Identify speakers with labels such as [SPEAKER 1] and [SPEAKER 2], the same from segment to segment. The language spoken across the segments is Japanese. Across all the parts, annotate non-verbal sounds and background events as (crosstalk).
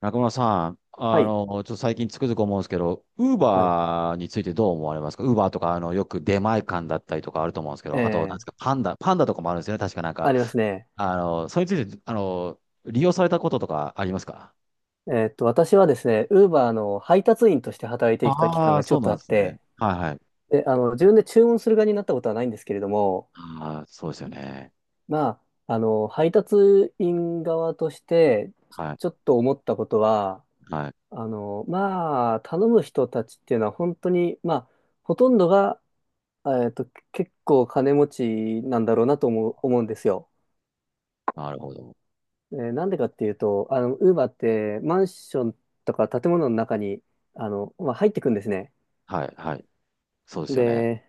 [SPEAKER 1] 中村さん、
[SPEAKER 2] はい。
[SPEAKER 1] ちょっと最近つくづく思うんですけど、ウー
[SPEAKER 2] はい。
[SPEAKER 1] バーについてどう思われますか？ウーバーとか、よく出前館だったりとかあると思うんですけ
[SPEAKER 2] え
[SPEAKER 1] ど、あと、なんで
[SPEAKER 2] え、
[SPEAKER 1] すか、パンダとかもあるんですよね。確かなんか、
[SPEAKER 2] ありますね。
[SPEAKER 1] それについて、利用されたこととかありますか？
[SPEAKER 2] 私はですね、ウーバーの配達員として働いてきた期
[SPEAKER 1] あ
[SPEAKER 2] 間
[SPEAKER 1] あー、
[SPEAKER 2] がちょ
[SPEAKER 1] そう
[SPEAKER 2] っと
[SPEAKER 1] な
[SPEAKER 2] あ
[SPEAKER 1] んで
[SPEAKER 2] っ
[SPEAKER 1] すね。
[SPEAKER 2] て、
[SPEAKER 1] はいはい。
[SPEAKER 2] で、自分で注文する側になったことはないんですけれども、
[SPEAKER 1] ああ、そうですよね。
[SPEAKER 2] まあ、配達員側として、
[SPEAKER 1] はい、
[SPEAKER 2] ちょっと思ったことは、
[SPEAKER 1] はい。
[SPEAKER 2] まあ、頼む人たちっていうのは本当に、まあ、ほとんどが、えっと、結構金持ちなんだろうなと思うんですよ。
[SPEAKER 1] なるほど。
[SPEAKER 2] なんでかっていうと、ウーバーってマンションとか建物の中に、まあ、入ってくんですね。
[SPEAKER 1] はい、はい。そうですよね。
[SPEAKER 2] で、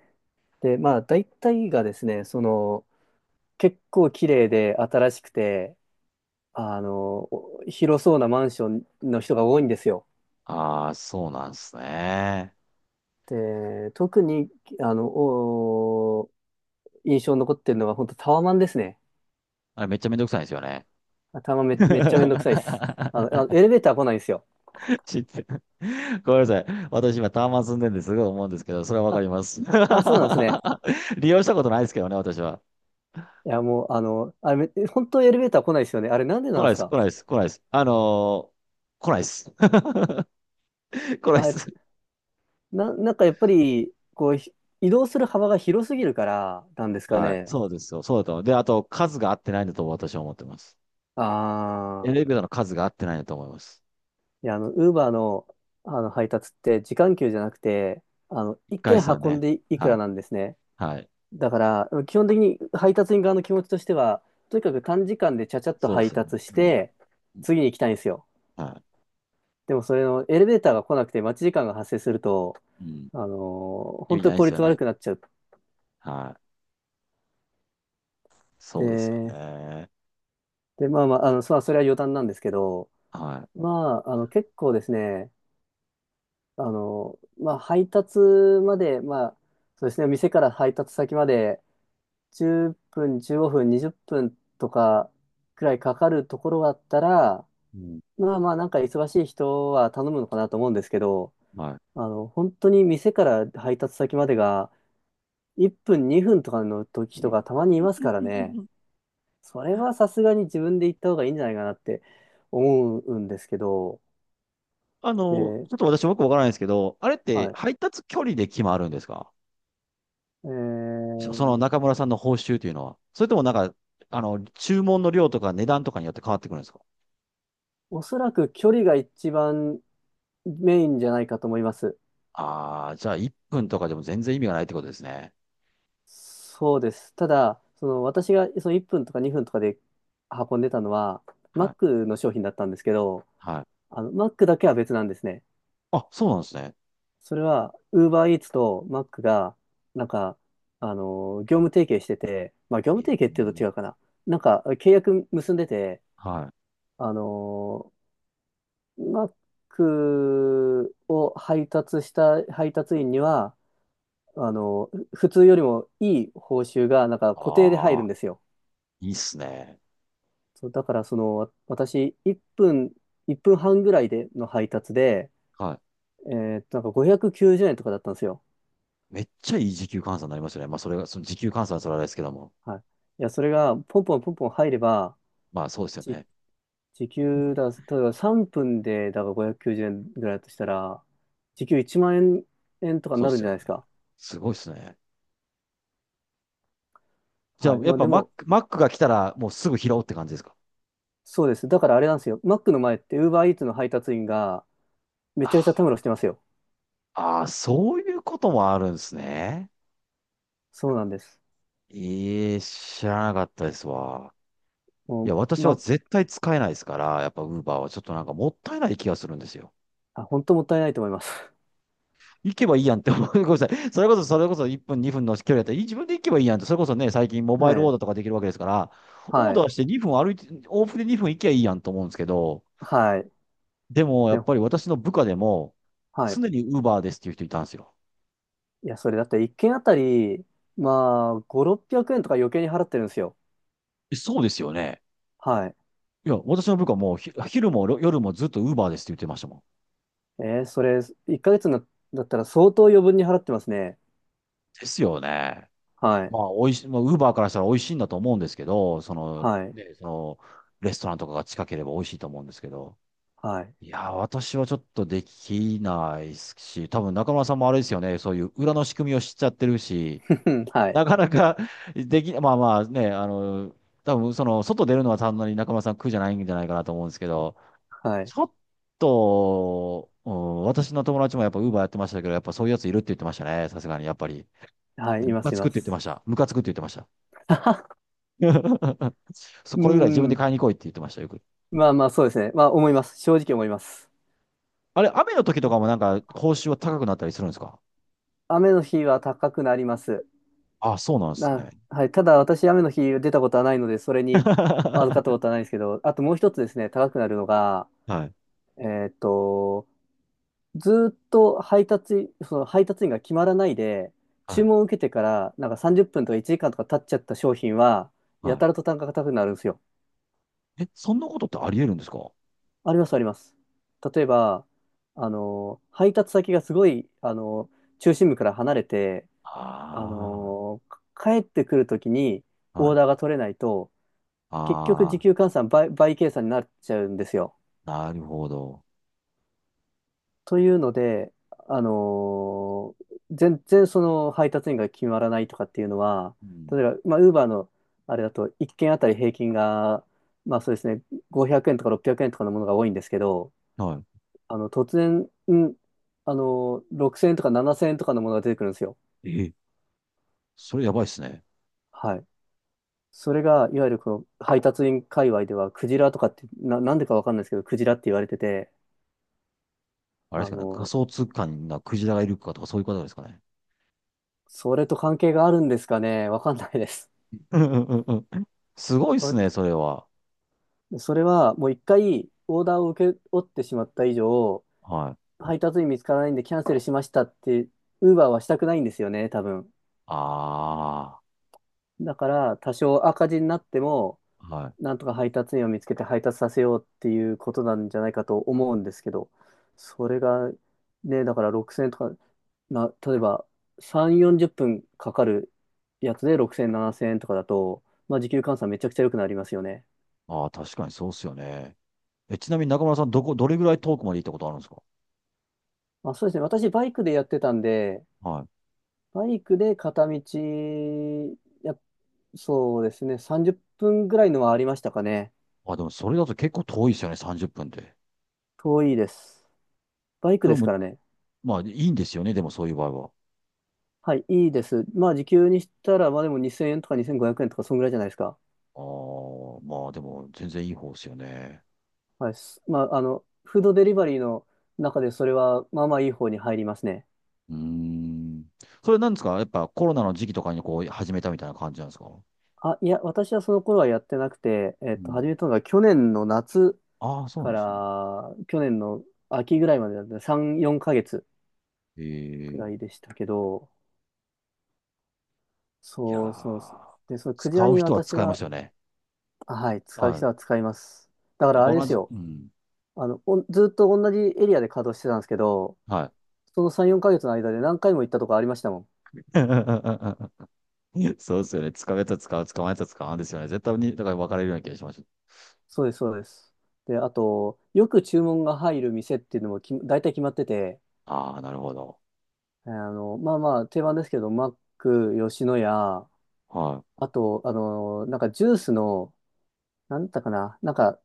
[SPEAKER 2] で、まあ、大体がですね、その、結構綺麗で新しくて、あの、広そうなマンションの人が多いんですよ。
[SPEAKER 1] ああ、そうなんですね。
[SPEAKER 2] で、特に、あの、お印象に残ってるのが本当タワマンですね。
[SPEAKER 1] あれ、めっちゃめんどくさいんですよね。
[SPEAKER 2] タワマンめっちゃめんどくさいです。
[SPEAKER 1] (laughs)
[SPEAKER 2] エレベーター来ないんですよ。
[SPEAKER 1] 知って。(laughs) ごめんなさい。私今タワマン住んでるんですごい思うんですけど、それはわか
[SPEAKER 2] あ、
[SPEAKER 1] ります。
[SPEAKER 2] あ、そうなんですね。
[SPEAKER 1] (laughs) 利用したことないですけどね、私は。
[SPEAKER 2] いや、もう、あれ、本当エレベーター来ないですよね。あれ、なんでな
[SPEAKER 1] 来
[SPEAKER 2] ん
[SPEAKER 1] な
[SPEAKER 2] で
[SPEAKER 1] いで
[SPEAKER 2] す
[SPEAKER 1] す、来
[SPEAKER 2] か？
[SPEAKER 1] ないです、来ないです。来ないです。(laughs) 来ないで
[SPEAKER 2] あ、え
[SPEAKER 1] す。
[SPEAKER 2] なんかやっぱり、こう、移動する幅が広すぎるからなんですか
[SPEAKER 1] はい。
[SPEAKER 2] ね。
[SPEAKER 1] そうですよ。そうだと思う。で、あと、数が合ってないんだと私は思ってます。
[SPEAKER 2] あ
[SPEAKER 1] エ
[SPEAKER 2] あ、
[SPEAKER 1] レベーターの数が合ってないんだと思います。
[SPEAKER 2] いや、ウーバーの、配達って時間給じゃなくて、
[SPEAKER 1] 一
[SPEAKER 2] 一
[SPEAKER 1] 回
[SPEAKER 2] 件
[SPEAKER 1] ですよ
[SPEAKER 2] 運
[SPEAKER 1] ね。
[SPEAKER 2] んでいく
[SPEAKER 1] はい。
[SPEAKER 2] らなんですね。
[SPEAKER 1] はい。
[SPEAKER 2] だから、基本的に配達員側の気持ちとしては、とにかく短時間でちゃちゃっと
[SPEAKER 1] そうです
[SPEAKER 2] 配
[SPEAKER 1] よね。
[SPEAKER 2] 達し
[SPEAKER 1] うん。
[SPEAKER 2] て、
[SPEAKER 1] うん。
[SPEAKER 2] 次に行きたいんですよ。
[SPEAKER 1] は
[SPEAKER 2] でも、それのエレベーターが来なくて待ち時間が発生すると、
[SPEAKER 1] い。うん。
[SPEAKER 2] あの
[SPEAKER 1] 意
[SPEAKER 2] 本
[SPEAKER 1] 味
[SPEAKER 2] 当
[SPEAKER 1] な
[SPEAKER 2] に
[SPEAKER 1] いで
[SPEAKER 2] 効
[SPEAKER 1] すよ
[SPEAKER 2] 率悪
[SPEAKER 1] ね。
[SPEAKER 2] くなっちゃっ
[SPEAKER 1] はい。そうですよ
[SPEAKER 2] て、
[SPEAKER 1] ね。
[SPEAKER 2] で、まあまあ、それは余談なんですけど、
[SPEAKER 1] は
[SPEAKER 2] まあ、結構ですね、まあ、配達まで、まあ、そうですね、店から配達先まで10分、15分、20分とかくらいかかるところだったら、
[SPEAKER 1] い。うん。
[SPEAKER 2] まあまあ、なんか忙しい人は頼むのかなと思うんですけど、
[SPEAKER 1] は
[SPEAKER 2] 本当に店から配達先までが1分、2分とかの時とか
[SPEAKER 1] い。
[SPEAKER 2] たまにいますからね、それはさすがに自分で行った方がいいんじゃないかなって思うんですけど、で、
[SPEAKER 1] ちょっと私もよくわからないんですけど、あれって
[SPEAKER 2] はい。
[SPEAKER 1] 配達距離で決まるんですか？
[SPEAKER 2] え
[SPEAKER 1] の
[SPEAKER 2] ー
[SPEAKER 1] 中村さんの報酬というのは。それともなんか、注文の量とか値段とかによって変わってくるんですか？
[SPEAKER 2] おそらく距離が一番メインじゃないかと思います。
[SPEAKER 1] ああー、じゃあ1分とかでも全然意味がないってことですね。
[SPEAKER 2] そうです。ただ、その私がその1分とか2分とかで運んでたのは、
[SPEAKER 1] はい。
[SPEAKER 2] Mac の商品だったんですけど、
[SPEAKER 1] はい。
[SPEAKER 2] Mac だけは別なんですね。
[SPEAKER 1] あ、そうなんですね。
[SPEAKER 2] それは、UberEats と Mac が、なんか、業務提携してて、まあ、業
[SPEAKER 1] え
[SPEAKER 2] 務提携っていうと
[SPEAKER 1] え、
[SPEAKER 2] 違うかな。なんか、契約結んでて、
[SPEAKER 1] はい。
[SPEAKER 2] あの、Mac を配達した配達員には、普通よりもいい報酬が、なんか固定で入
[SPEAKER 1] あ
[SPEAKER 2] るん
[SPEAKER 1] あ、
[SPEAKER 2] ですよ。
[SPEAKER 1] いいっすね。
[SPEAKER 2] そう、だからその、私、1分、1分半ぐらいでの配達で、
[SPEAKER 1] はい。
[SPEAKER 2] えなんか590円とかだったんですよ。
[SPEAKER 1] めっちゃいい時給換算になりますよね。まあ、それが、その時給換算はそれはあれですけども。
[SPEAKER 2] はい。いや、それが、ポンポンポンポン入れば、
[SPEAKER 1] まあ、そうですよ
[SPEAKER 2] じ、
[SPEAKER 1] ね。
[SPEAKER 2] 時給だ、例えば3分で、だから590円ぐらいだとしたら、時給1万円とかに
[SPEAKER 1] そう
[SPEAKER 2] な
[SPEAKER 1] で
[SPEAKER 2] るん
[SPEAKER 1] す
[SPEAKER 2] じゃ
[SPEAKER 1] よ
[SPEAKER 2] ないです
[SPEAKER 1] ね。
[SPEAKER 2] か。
[SPEAKER 1] すごいっすね。じゃ
[SPEAKER 2] は
[SPEAKER 1] あ、
[SPEAKER 2] い。
[SPEAKER 1] や
[SPEAKER 2] ま
[SPEAKER 1] っ
[SPEAKER 2] あ
[SPEAKER 1] ぱ
[SPEAKER 2] で
[SPEAKER 1] マッ
[SPEAKER 2] も、
[SPEAKER 1] ク、マックが来たらもうすぐ拾うって感じですか？
[SPEAKER 2] そうです。だからあれなんですよ。マックの前って、ウーバーイーツの配達員が、めちゃめちゃ
[SPEAKER 1] あ
[SPEAKER 2] たむろしてますよ。
[SPEAKER 1] あー、そういうこともあるんですね。
[SPEAKER 2] そうなんです。
[SPEAKER 1] ええ、知らなかったですわ。い
[SPEAKER 2] も
[SPEAKER 1] や、
[SPEAKER 2] う、
[SPEAKER 1] 私は
[SPEAKER 2] ま、
[SPEAKER 1] 絶対使えないですから、やっぱウーバーはちょっとなんかもったいない気がするんですよ。
[SPEAKER 2] あ、本当もったいないと思います。
[SPEAKER 1] 行けばいいやんって思う。(laughs) ごめんなさい。それこそ、それこそ1分、2分の距離だったら、自分で行けばいいやんって、それこそね、最近モ
[SPEAKER 2] (laughs)
[SPEAKER 1] バ
[SPEAKER 2] は
[SPEAKER 1] イルオーダー
[SPEAKER 2] い。
[SPEAKER 1] とかできるわけですから、オー
[SPEAKER 2] はい。
[SPEAKER 1] ダーして2分歩いて、往復で2分行けばいいやんと思うんですけど、
[SPEAKER 2] はい。
[SPEAKER 1] でもやっ
[SPEAKER 2] で、
[SPEAKER 1] ぱり私の部下でも、
[SPEAKER 2] はい。
[SPEAKER 1] 常にウーバーですっていう人いたんですよ。
[SPEAKER 2] いや、それだって一軒あたり、まあ、5、600円とか余計に払ってるんですよ。
[SPEAKER 1] え、そうですよね。
[SPEAKER 2] はい。
[SPEAKER 1] いや、私の部下もひ、昼も夜もずっとウーバーですって言ってましたもん。
[SPEAKER 2] それ、1ヶ月だったら相当余分に払ってますね。
[SPEAKER 1] ですよね。
[SPEAKER 2] はい。
[SPEAKER 1] まあ、美味しい、まあ、ウーバーからしたら美味しいんだと思うんですけど、その、
[SPEAKER 2] はい。
[SPEAKER 1] ね、その、レストランとかが近ければ美味しいと思うんですけど、
[SPEAKER 2] はい。
[SPEAKER 1] いやー、私はちょっとできないですし、多分中村さんもあれですよね、そういう裏の仕組みを知っちゃってるし、
[SPEAKER 2] (laughs) はい。
[SPEAKER 1] なかなか (laughs) まあまあね、多分その、外出るのはそんなに中村さん苦じゃないんじゃないかなと思うんですけど、
[SPEAKER 2] はい。
[SPEAKER 1] ちょっと、うん、私の友達もやっぱウーバーやってましたけど、やっぱそういうやついるって言ってましたね、さすがにやっぱり。
[SPEAKER 2] はい。
[SPEAKER 1] ム
[SPEAKER 2] いま
[SPEAKER 1] カ
[SPEAKER 2] す、い
[SPEAKER 1] つく
[SPEAKER 2] ま
[SPEAKER 1] って言ってま
[SPEAKER 2] す。
[SPEAKER 1] した。ムカつくって言ってました。
[SPEAKER 2] (laughs)
[SPEAKER 1] (laughs) そう
[SPEAKER 2] う
[SPEAKER 1] これぐらい自分で
[SPEAKER 2] ん。
[SPEAKER 1] 買いに来いって言ってました、よく。
[SPEAKER 2] まあまあ、そうですね。まあ、思います。正直思います。
[SPEAKER 1] あれ、雨の時とかもなんか報酬は高くなったりするんですか？
[SPEAKER 2] 雨の日は高くなります。
[SPEAKER 1] あ、そうなんですね。
[SPEAKER 2] あ、はい。ただ、私、雨の日出たことはないので、それに預かったこと
[SPEAKER 1] (laughs)
[SPEAKER 2] はないんですけど、あともう一つですね、高くなるのが、
[SPEAKER 1] はい、
[SPEAKER 2] えーっと、ずーっと配達、その配達員が決まらないで、
[SPEAKER 1] は
[SPEAKER 2] 注
[SPEAKER 1] い、
[SPEAKER 2] 文を受けてから、なんか30分とか1時間とか経っちゃった商品は、や
[SPEAKER 1] は
[SPEAKER 2] たらと単価が高くなるんですよ。
[SPEAKER 1] い。え、そんなことってあり得るんですか？
[SPEAKER 2] あります、あります。例えば、配達先がすごい、中心部から離れて、あ
[SPEAKER 1] あ
[SPEAKER 2] の、帰ってくるときに
[SPEAKER 1] あー、は
[SPEAKER 2] オー
[SPEAKER 1] い。
[SPEAKER 2] ダーが取れないと、結局時
[SPEAKER 1] あ
[SPEAKER 2] 給換算倍計算になっちゃうんですよ。
[SPEAKER 1] あ、なるほど。
[SPEAKER 2] というので、あのー全然その配達員が決まらないとかっていうのは、
[SPEAKER 1] う
[SPEAKER 2] 例
[SPEAKER 1] ん、
[SPEAKER 2] えば、まあ、ウーバーのあれだと1件あたり平均が、まあそうですね、500円とか600円とかのものが多いんですけど、
[SPEAKER 1] は
[SPEAKER 2] 突然、6000円とか7000円とかのものが出てくるんですよ。
[SPEAKER 1] い。え、それやばいっすね。
[SPEAKER 2] はい。それが、いわゆるこの配達員界隈では、クジラとかって、なんでかわかんないですけど、クジラって言われてて、
[SPEAKER 1] あれです
[SPEAKER 2] あ
[SPEAKER 1] かね、仮
[SPEAKER 2] の
[SPEAKER 1] 想通貨になクジラがいるかとかそういうことですかね。
[SPEAKER 2] それと関係があるんですかね。わかんないです。
[SPEAKER 1] (laughs) うんうんうんうん。すごいっすね、
[SPEAKER 2] わ
[SPEAKER 1] それは。
[SPEAKER 2] それはもう一回オーダーを受け負ってしまった以上、
[SPEAKER 1] はい。
[SPEAKER 2] 配達員見つからないんでキャンセルしましたって、ウーバーはしたくないんですよね、多分。
[SPEAKER 1] あ
[SPEAKER 2] だから多少赤字になっても、
[SPEAKER 1] あ、はい。
[SPEAKER 2] なんとか配達員を見つけて配達させようっていうことなんじゃないかと思うんですけど、それがね、だから6000円とか、例えば3、40分かかるやつで6000、7000円とかだと、まあ時給換算めちゃくちゃ良くなりますよね。
[SPEAKER 1] ああ、確かにそうっすよね。え、ちなみに中村さん、どこ、どれぐらい遠くまで行ったことあるんですか？
[SPEAKER 2] まあ、そうですね。私、バイクでやってたんで、
[SPEAKER 1] はい。
[SPEAKER 2] バイクで片道、や、そうですね。30分ぐらいのはありましたかね。
[SPEAKER 1] あ、でもそれだと結構遠いですよね、30分で。
[SPEAKER 2] 遠いです。バイク
[SPEAKER 1] そ
[SPEAKER 2] で
[SPEAKER 1] れ
[SPEAKER 2] すか
[SPEAKER 1] も、
[SPEAKER 2] らね。
[SPEAKER 1] まあいいんですよね、でもそういう場合は。
[SPEAKER 2] はい、いいです。まあ、時給にしたら、まあでも2000円とか2500円とか、そんぐらいじゃないですか。
[SPEAKER 1] ああ、まあでも全然いい方ですよね。
[SPEAKER 2] はい。まあ、フードデリバリーの中で、それは、まあまあいい方に入りますね。
[SPEAKER 1] うーん。それなんですかやっぱコロナの時期とかにこう始めたみたいな感じなんですか？
[SPEAKER 2] あ、いや、私はその頃はやってなくて、
[SPEAKER 1] うん。
[SPEAKER 2] 始めたのが去年の夏
[SPEAKER 1] ああ、そうな
[SPEAKER 2] か
[SPEAKER 1] んですね。
[SPEAKER 2] ら、去年の秋ぐらいまでだった3、4ヶ月く
[SPEAKER 1] ええ、
[SPEAKER 2] らいでしたけど、
[SPEAKER 1] いや
[SPEAKER 2] そうそうそう。
[SPEAKER 1] ー、
[SPEAKER 2] で、そのクジラ
[SPEAKER 1] 使う
[SPEAKER 2] に
[SPEAKER 1] 人は
[SPEAKER 2] 私
[SPEAKER 1] 使います
[SPEAKER 2] は、
[SPEAKER 1] よね。
[SPEAKER 2] はい、使う
[SPEAKER 1] は
[SPEAKER 2] 人
[SPEAKER 1] い。
[SPEAKER 2] は使います。だか
[SPEAKER 1] やっ
[SPEAKER 2] らあ
[SPEAKER 1] ぱ
[SPEAKER 2] れで
[SPEAKER 1] 同
[SPEAKER 2] す
[SPEAKER 1] じ、
[SPEAKER 2] よ。
[SPEAKER 1] うん。
[SPEAKER 2] ずっと同じエリアで稼働してたんですけど、
[SPEAKER 1] はい。
[SPEAKER 2] その3、4ヶ月の間で何回も行ったとこありましたもん。
[SPEAKER 1] (laughs) (laughs) そうですよね。使うやつは使う、使わないやつは使わんですよね。絶対に、だから分かれるような気がしました。
[SPEAKER 2] そうです、そうです。で、あと、よく注文が入る店っていうのも大体決まってて、
[SPEAKER 1] ああ、なるほど。
[SPEAKER 2] まあまあ、定番ですけど、マック、吉野家、
[SPEAKER 1] は
[SPEAKER 2] あと、なんかジュースの、なんだったかな、なんか、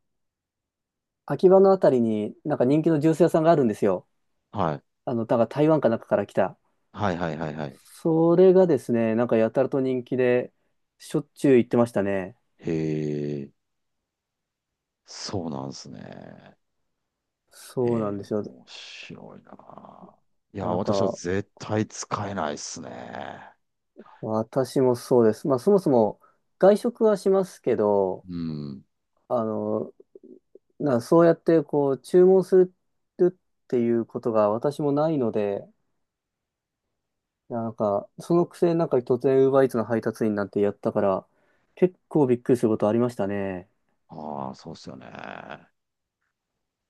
[SPEAKER 2] 秋葉のあたりになんか人気のジュース屋さんがあるんですよ。
[SPEAKER 1] い。はい。
[SPEAKER 2] だから台湾かなんかから来た。
[SPEAKER 1] はいはいはいはい。
[SPEAKER 2] それがですね、なんかやたらと人気で、しょっちゅう行ってましたね。
[SPEAKER 1] へえ、そうなんですね。
[SPEAKER 2] そうな
[SPEAKER 1] え
[SPEAKER 2] ん
[SPEAKER 1] え、
[SPEAKER 2] ですよ。
[SPEAKER 1] 面白いな。いや、
[SPEAKER 2] なん
[SPEAKER 1] 私は
[SPEAKER 2] か、
[SPEAKER 1] 絶対使えないっすね。
[SPEAKER 2] 私もそうです。まあ、そもそも外食はしますけど、
[SPEAKER 1] うん。
[SPEAKER 2] あの、そうやってこう、注文するっていうことが私もないので、なんか、そのくせなんか突然 Uber Eats の配達員なんてやったから、結構びっくりすることありましたね。
[SPEAKER 1] ああ、そうっすよね。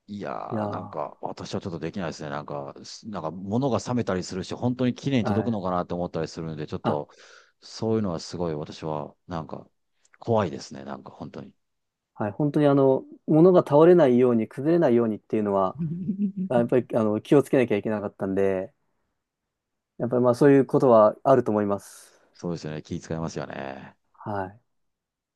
[SPEAKER 1] いや
[SPEAKER 2] いや
[SPEAKER 1] ー、なん
[SPEAKER 2] ー、
[SPEAKER 1] か、私はちょっとできないですね。なんか、なんか、物が冷めたりするし、本当に綺麗に
[SPEAKER 2] は
[SPEAKER 1] 届く
[SPEAKER 2] い。
[SPEAKER 1] のかなって思ったりするので、ちょっと、
[SPEAKER 2] あ
[SPEAKER 1] そういうのはすごい私は、なんか、怖いですね。なんか、本当に。
[SPEAKER 2] はい、本当に物が倒れないように、崩れないようにっていうのは、やっぱり
[SPEAKER 1] (laughs)
[SPEAKER 2] 気をつけなきゃいけなかったんで、やっぱりまあそういうことはあると思います。
[SPEAKER 1] そうですよね。気遣いますよね。
[SPEAKER 2] はい。